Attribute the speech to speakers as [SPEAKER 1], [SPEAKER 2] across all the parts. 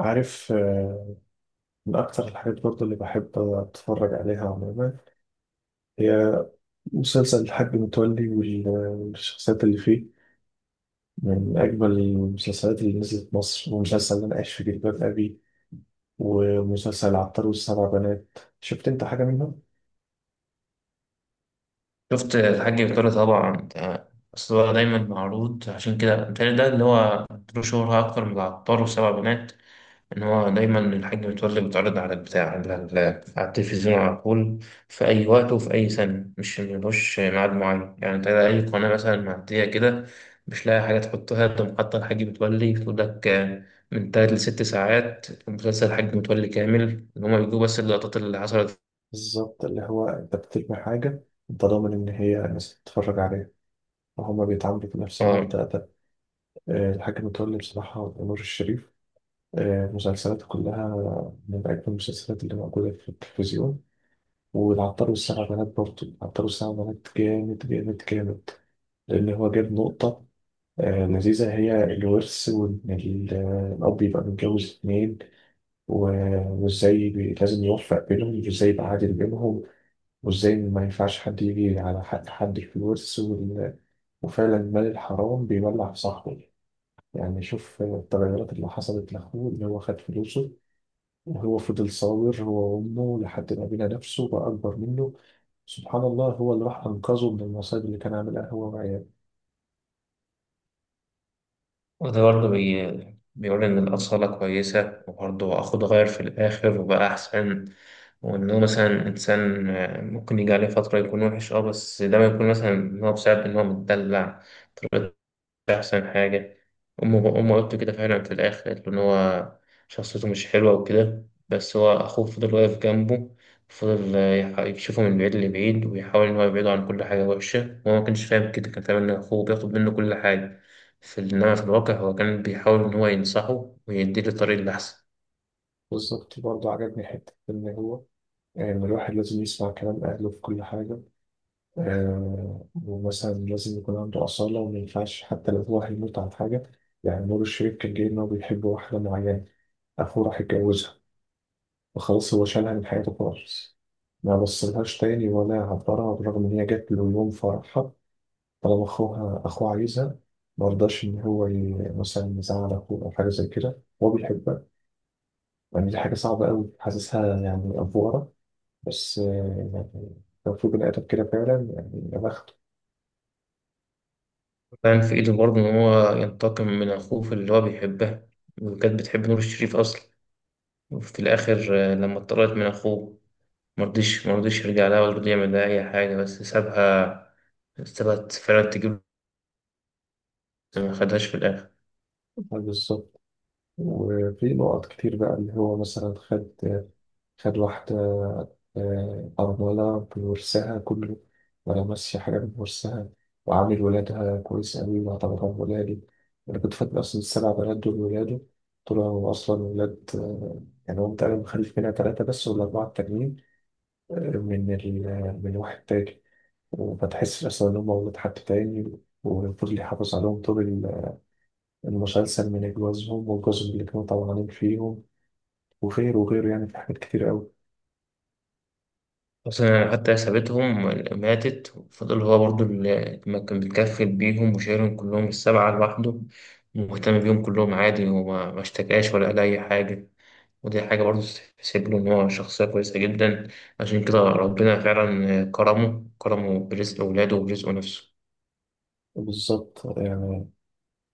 [SPEAKER 1] عارف آه، من أكتر الحاجات برضه اللي بحب أتفرج عليها عموما هي مسلسل الحاج متولي والشخصيات اللي فيه، من أجمل المسلسلات اللي نزلت مصر، ومسلسل اللي أنا عايش في جلباب أبي، ومسلسل العطار والسبع بنات. شفت أنت حاجة منهم؟
[SPEAKER 2] شفت الحاج بيطري طبعا أصل هو دايما معروض عشان كده بيتهيألي ده اللي هو له شهرة أكتر من العطار وسبع بنات. إن هو دايما الحاج متولي بيتعرض على التلفزيون على طول في أي وقت وفي أي سنة. مش ملوش ميعاد معين يعني. أنت أي قناة مثلا معدية كده مش لاقي حاجة تحطها تقوم حاطة الحاج متولي، تقول لك آه، من تلات لست ساعات مسلسل الحاج متولي كامل، إن هما بيجيبوا بس اللقطات اللي حصلت.
[SPEAKER 1] بالظبط، اللي هو أنت بترمي حاجة أنت ضامن إن هي الناس تتفرج عليها، وهما بيتعاملوا بنفس
[SPEAKER 2] آه.
[SPEAKER 1] المبدأ ده. آه، الحاج متولي بصراحة، ونور الشريف، آه، مسلسلاته كلها من أجمل المسلسلات اللي موجودة في التلفزيون. والعطار والسبع بنات برضه، العطار والسبع بنات جامد جامد جامد، لأن هو جاب نقطة آه، لذيذة، هي الورث، وإن الأب يبقى متجوز اتنين، و- وإزاي لازم يوفق بينهم، وإزاي يبقى عادل بينهم، وإزاي ما ينفعش حد يجي على حق حد في الورث وفعلا المال الحرام بيولع في صاحبه. يعني شوف آه، التغيرات اللي حصلت لأخوه اللي هو خد فلوسه. هو فضل صابر هو وأمه لحد ما بنى نفسه بقى أكبر منه. سبحان الله، هو اللي راح أنقذه من المصايب اللي كان عاملها هو وعياله.
[SPEAKER 2] وده برضه بيقول إن الأصالة كويسة، وبرضه أخد غير في الآخر وبقى أحسن. وإنه مثلا إنسان ممكن يجي عليه فترة يكون وحش، بس ده ما يكون مثلا إن هو بسبب إن هو متدلع. مش أحسن حاجة. أمه قالت له كده فعلا، في الآخر قالت له إن هو شخصيته مش حلوة وكده، بس هو أخوه فضل واقف جنبه. فضل يشوفه من بعيد لبعيد ويحاول إن هو يبعده عن كل حاجة وحشة، وهو ما كانش فاهم كده، كان فاهم إن أخوه بياخد منه كل حاجة. في، إنما في الواقع هو كان بيحاول إن هو ينصحه ويديله الطريق الأحسن.
[SPEAKER 1] بالظبط، برضه عجبني حتة إن هو، إن الواحد لازم يسمع كلام أهله في كل حاجة. آه، ومثلا لازم يكون عنده أصالة، وما ينفعش حتى لو هو هيموت عن حاجة. يعني نور الشريف كان جاي إن هو بيحب واحدة معينة، أخوه راح يتجوزها، وخلاص هو شالها من حياته خالص، ما بصلهاش تاني ولا عبرها بالرغم إن هي جات له يوم فرحها. طالما أخوها أخوه عايزها، ما رضاش إن هو مثلا يزعل أخوه أو حاجة زي كده، هو بيحبها. يعني دي حاجة صعبة أوي، حاسسها يعني أفورة. بس آه، يعني لو في بني آدم كده فعلا، يعني يا بخته.
[SPEAKER 2] كان في إيده برضه إن هو ينتقم من أخوه في اللي هو بيحبها، وكانت بتحب نور الشريف أصلا. وفي الآخر، لما اتطردت من أخوه، مرضيش يرجع لها ولا رضي يعمل لها أي حاجة، بس سابها. سابها فعلا تجيب، بس ما خدهاش في الآخر.
[SPEAKER 1] آه، بالظبط. وفي نقط كتير بقى اللي هو مثلا خد واحدة آه، أرملة بورسها كله، ولا ماشية حاجة بورسها، وعامل ولادها كويس أوي وأعتبرهم ولادي. أنا كنت فاكر أصلا السبع بنات دول ولاده، طلعوا أصلا ولاد آه، يعني هو تقريبا مخلف منها تلاتة بس، والأربعة التانيين آه، من واحد تاني، وما تحسش أصلا إن هم ولاد حد تاني. وفضل يحافظ عليهم طول المسلسل، من جوازهم وجوزهم اللي كانوا طبعانين فيهم وغيره وغيره، يعني في حاجات كتير أوي.
[SPEAKER 2] أصلا حتى هي سابتهم، ماتت، وفضل هو برضو اللي ما كان بيتكفل بيهم وشايلهم كلهم السبعة لوحده، ومهتم بيهم كلهم عادي، وما ما اشتكاش ولا قال أي حاجة. ودي حاجة برضو تحسب له، إن هو شخصية كويسة جدا. عشان كده ربنا فعلا كرمه برزق أولاده وبرزقه نفسه.
[SPEAKER 1] بالظبط، يعني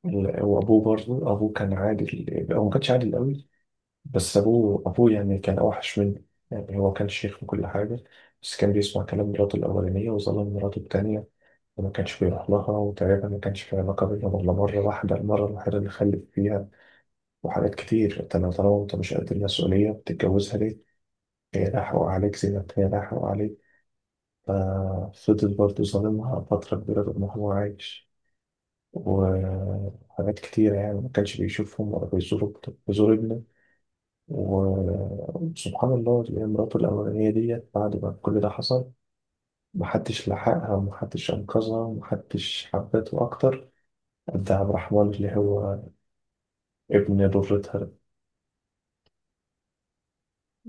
[SPEAKER 1] وابوه برضه، ابوه كان عادل، هو ما كانش عادل قوي، بس ابوه يعني كان اوحش منه. يعني هو كان شيخ وكل حاجه، بس كان بيسمع كلام مراته الاولانيه وظلم مراته التانيه، وما كانش بيروح لها، وتقريبا ما كانش في علاقه بينهم غير مره واحده، المره الوحيده اللي خلف فيها. وحاجات كتير، انت لو طالما انت مش قد المسؤوليه بتتجوزها ليه؟ هي لا حقوق عليك زي ما هي لا حقوق عليك. ففضل برضه ظالمها فتره كبيره طول ما هو عايش. وحاجات كتير، يعني ما كانش بيشوفهم ولا بيزور ابنه. و- وسبحان الله، اللي هي مراته الأولانية ديت بعد ما كل ده حصل، محدش لحقها، ومحدش أنقذها، ومحدش حبته أكتر قد عبد الرحمن اللي هو ابن ضرتها ده.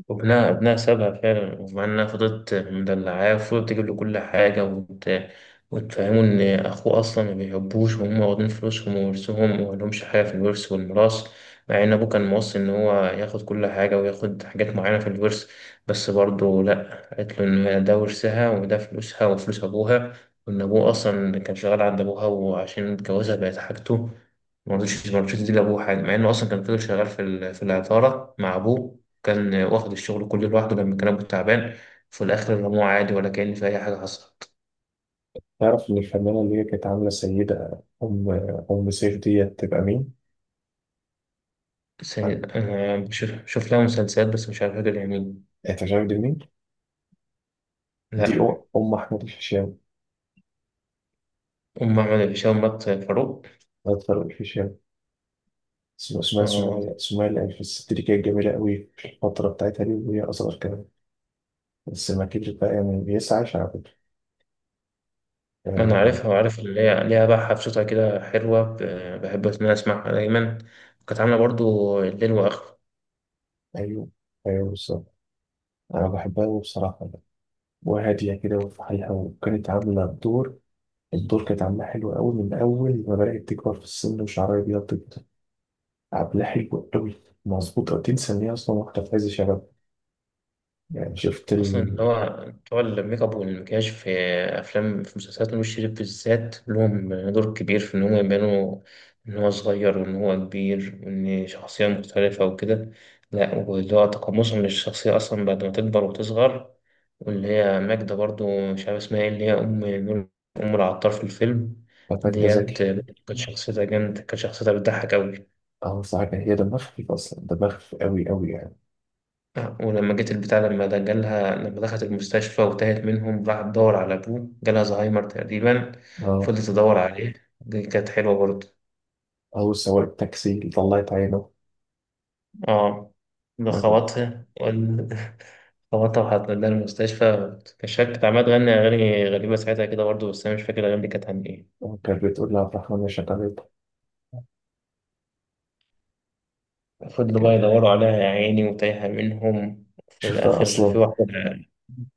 [SPEAKER 2] وابنها سابها فعلا، ومع انها فضلت مدلعاه وفضلت تجيب له كل حاجة، وتفهمه إن أخوه أصلا ما بيحبوش، وهم واخدين فلوسهم وورثهم، وملهمش حاجة في الورث والميراث، مع إن أبوه كان موصي إن هو ياخد كل حاجة وياخد حاجات معينة في الورث، بس برضه لأ، قالت له إن ده ورثها، وده فلوسها وفلوس أبوها، وإن أبوه أصلا كان شغال عند أبوها، وعشان اتجوزها بقت حاجته. مرضيش تدي لأبوه حاجة، مع إنه أصلا كان فضل شغال في العطارة مع أبوه، كان واخد الشغل كله لوحده لما كان أبوه تعبان. في الآخر رموه عادي، ولا كأن في أي حاجة حصلت.
[SPEAKER 1] تعرف إن الفنانة اللي هي كانت عاملة سيدة أم، أم سيف ديت تبقى مين؟ أه،
[SPEAKER 2] أنا بشوف لها مسلسلات بس مش عارف، فاكر يعني.
[SPEAKER 1] أنت عارف دي مين؟ دي
[SPEAKER 2] لا.
[SPEAKER 1] أم أحمد الفيشاوي.
[SPEAKER 2] أم أحمد هشام مات فاروق.
[SPEAKER 1] أكتر الفيشاوي، اسمها
[SPEAKER 2] آه،
[SPEAKER 1] سمية العيد. في الست دي كانت جميلة قوي في الفترة بتاعتها دي، وهي أصغر كمان، بس ما كبرت بقى يعني بيسعى على فكرة.
[SPEAKER 2] ما أنا
[SPEAKER 1] آه.
[SPEAKER 2] عارفها، وعارف إن ليها بقى حفشتها كده حلوة، بحب إن أنا أسمعها دايما. كانت عاملة برضو الليل وآخره.
[SPEAKER 1] أيوه أيوه بالظبط، أنا بحبها أوي بصراحة بقى. وهادية كده وفي حالها، وكانت عاملة الدور، الدور كانت عاملاه حلو قوي من أول ما بدأت تكبر في السن وشعرها أبيض كده. عاملاه حلو قوي، مظبوط أوي، تنسى إن هي أصلا واحدة في عز شباب. يعني شفت
[SPEAKER 2] اصلا اللي
[SPEAKER 1] الباك
[SPEAKER 2] هو بتوع الميك اب والمكياج في افلام، في مسلسلات نور الشريف بالذات، لهم دور كبير في ان هم يبانوا ان هو صغير وان هو كبير، وان شخصيه مختلفه وكده. لا، واللي هو تقمصهم للشخصيه اصلا بعد ما تكبر وتصغر. واللي هي ماجدة برضو، مش عارف اسمها ايه، اللي هي ام العطار في الفيلم.
[SPEAKER 1] ده
[SPEAKER 2] ديت
[SPEAKER 1] ذكي
[SPEAKER 2] كانت شخصيتها جامده، كانت شخصيتها بتضحك قوي.
[SPEAKER 1] أه صح، هي دماغها خفيف أصلا، دماغها خفيف قوي قوي يعني.
[SPEAKER 2] آه، ولما جيت البتاع لما ده جالها، لما دخلت المستشفى وتاهت منهم، راحت تدور على أبوه، جالها الزهايمر تقريبا.
[SPEAKER 1] اه،
[SPEAKER 2] فضلت تدور عليه. دي كانت حلوة برضه.
[SPEAKER 1] أو سواق التاكسي اللي طلعت عينه.
[SPEAKER 2] اه. ده خبطها خبطها وحط لها المستشفى، كشكت، كانت عمالة تغني أغاني غريبة ساعتها كده برضه، بس أنا مش فاكر الأغاني دي كانت عن إيه.
[SPEAKER 1] كانت بتقول لها عبد الرحمن يا شغالة
[SPEAKER 2] فضلوا بقى
[SPEAKER 1] كده.
[SPEAKER 2] يدوروا عليها يا عيني، وتايهة منهم، في
[SPEAKER 1] شفتها
[SPEAKER 2] الآخر في
[SPEAKER 1] أصلا
[SPEAKER 2] واحدة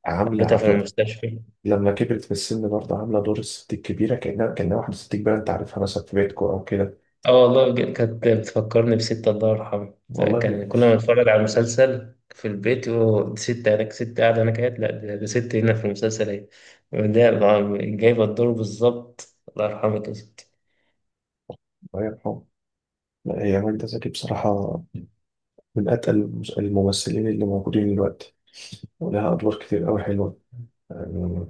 [SPEAKER 1] عاملة
[SPEAKER 2] قابلتها في
[SPEAKER 1] عاملة
[SPEAKER 2] المستشفى.
[SPEAKER 1] لما كبرت في السن، برضه عاملة دور الست الكبيرة، كأنها واحدة ست كبيرة، أنت عارفها مثلا في بيتكو أو كده.
[SPEAKER 2] اه والله، بجد كانت بتفكرني بستة الله يرحمه، ده
[SPEAKER 1] والله.
[SPEAKER 2] كان كنا بنتفرج على المسلسل في البيت، يقول دي ستة، هناك ستة قاعدة، هناك قاعدة، لا ده ستة هنا في المسلسل اهي. ده بقى جايبة الدور بالظبط، الله يرحمك يا ستي.
[SPEAKER 1] الله يرحمه. لا، هي ماجدة زكي بصراحة، من أتقل الممثلين اللي موجودين دلوقتي، ولها أدوار كتير أوي حلوة. يعني،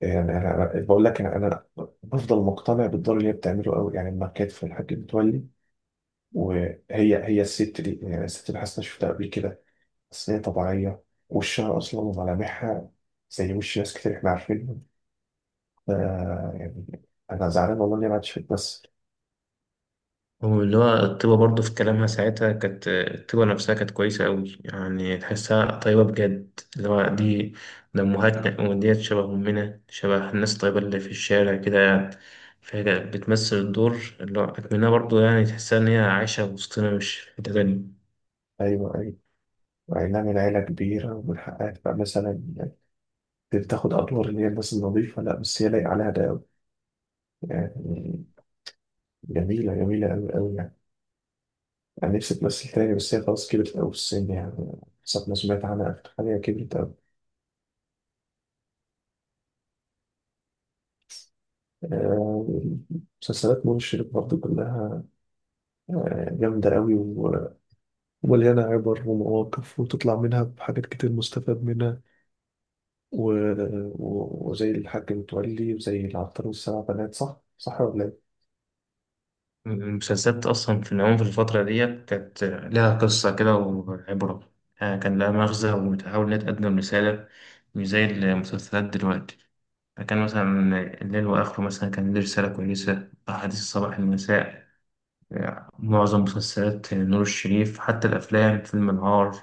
[SPEAKER 1] يعني بقول لك، أنا بفضل مقتنع بالدور اللي هي بتعمله أوي، يعني لما كانت في الحاج متولي. وهي، هي الست دي، يعني الست اللي حاسس إني شفتها قبل كده، بس هي طبيعية، وشها أصلا وملامحها زي وش ناس كتير إحنا عارفينهم. ف- يعني أنا زعلان والله إني ما عادش بتمثل.
[SPEAKER 2] واللي هو الطيبة برضه في كلامها ساعتها، كانت الطيبة نفسها، كانت كويسة أوي يعني، تحسها طيبة بجد، اللي هو ده أمهاتنا، وديت شبه أمنا، شبه الناس الطيبة اللي في الشارع كده يعني. فهي بتمثل الدور اللي هو أتمناه برضه، يعني تحسها إن هي عايشة وسطنا، مش في تبني.
[SPEAKER 1] أيوه أيوه. مع إنها من عيلة كبيرة ومن حقها تبقى مثلا يعني تاخد أدوار اللي هي الناس النظيفة، لا بس هي لايقة عليها ده أوي يعني. جميلة جميلة أوي أوي يعني. أنا نفسي تمثل تاني، بس هي خلاص كبرت أوي في السن يعني. حسب ما سمعت عنها آخر حاجة كبرت أوي. آه، مسلسلات منى شلبي برضه كلها آه، جامدة قوي ومليانة عبر ومواقف، وتطلع منها بحاجات كتير مستفاد منها. و... وزي الحاج متولي وزي العطار والسبع بنات، صح؟ صح ولا إيه؟
[SPEAKER 2] المسلسلات أصلا في العموم في الفترة ديت كانت لها قصة كده وعبرة، كان لها مغزى، وبتحاول إنها تقدم رسالة، مش زي المسلسلات دلوقتي. فكان مثلا الليل وآخره مثلا كان ليه رسالة كويسة، أحاديث الصباح المساء، معظم مسلسلات نور الشريف، حتى الأفلام، فيلم النهار،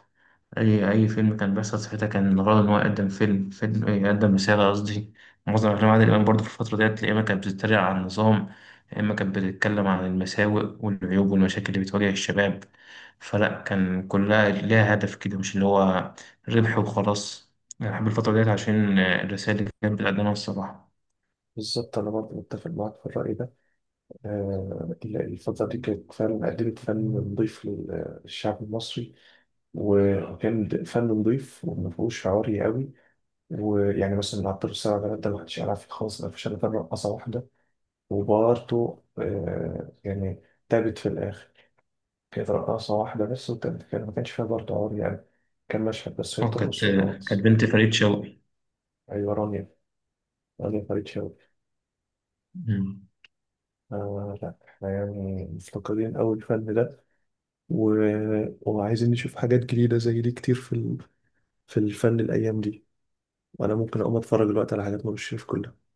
[SPEAKER 2] أي فيلم كان بيحصل ساعتها كان الغرض إن هو يقدم فيلم فيلم إيه، يقدم رسالة قصدي. معظم أفلام عادل إمام برضه في الفترة ديت يا إما كانت بتتريق على النظام، يا إما كانت بتتكلم عن المساوئ والعيوب والمشاكل اللي بتواجه الشباب. فلا كان كلها ليها هدف كده، مش اللي هو ربح وخلاص. أنا بحب الفترة ديت عشان الرسائل اللي كانت بتقدمها الصراحة.
[SPEAKER 1] بالظبط، أنا برضه متفق معاك في الرأي ده. آه، الفترة دي كانت فعلا قدمت فن نضيف للشعب المصري، وكان فن نضيف وما فيهوش عوري قوي. ويعني مثلا العطار والسبع بنات ده ما حدش يعرف فيه خالص، ما فيش إلا رقصة واحدة. وبرضه آه، يعني تعبت في الآخر، هي رقاصة واحدة بس، وكان كان ما كانش فيها برضه عور يعني، كان مشهد بس هي
[SPEAKER 2] أه كانت
[SPEAKER 1] بترقص
[SPEAKER 2] آه، كانت
[SPEAKER 1] وخلاص.
[SPEAKER 2] بنت فريد شوقي.
[SPEAKER 1] أيوة رانيا، فريد شوقي. آه لا، احنا يعني مفتقدين أوي الفن ده، و... وعايزين نشوف حاجات جديدة زي دي كتير في الفن الأيام دي. وأنا ممكن أقوم أتفرج دلوقتي على حاجات ما بشوف كلها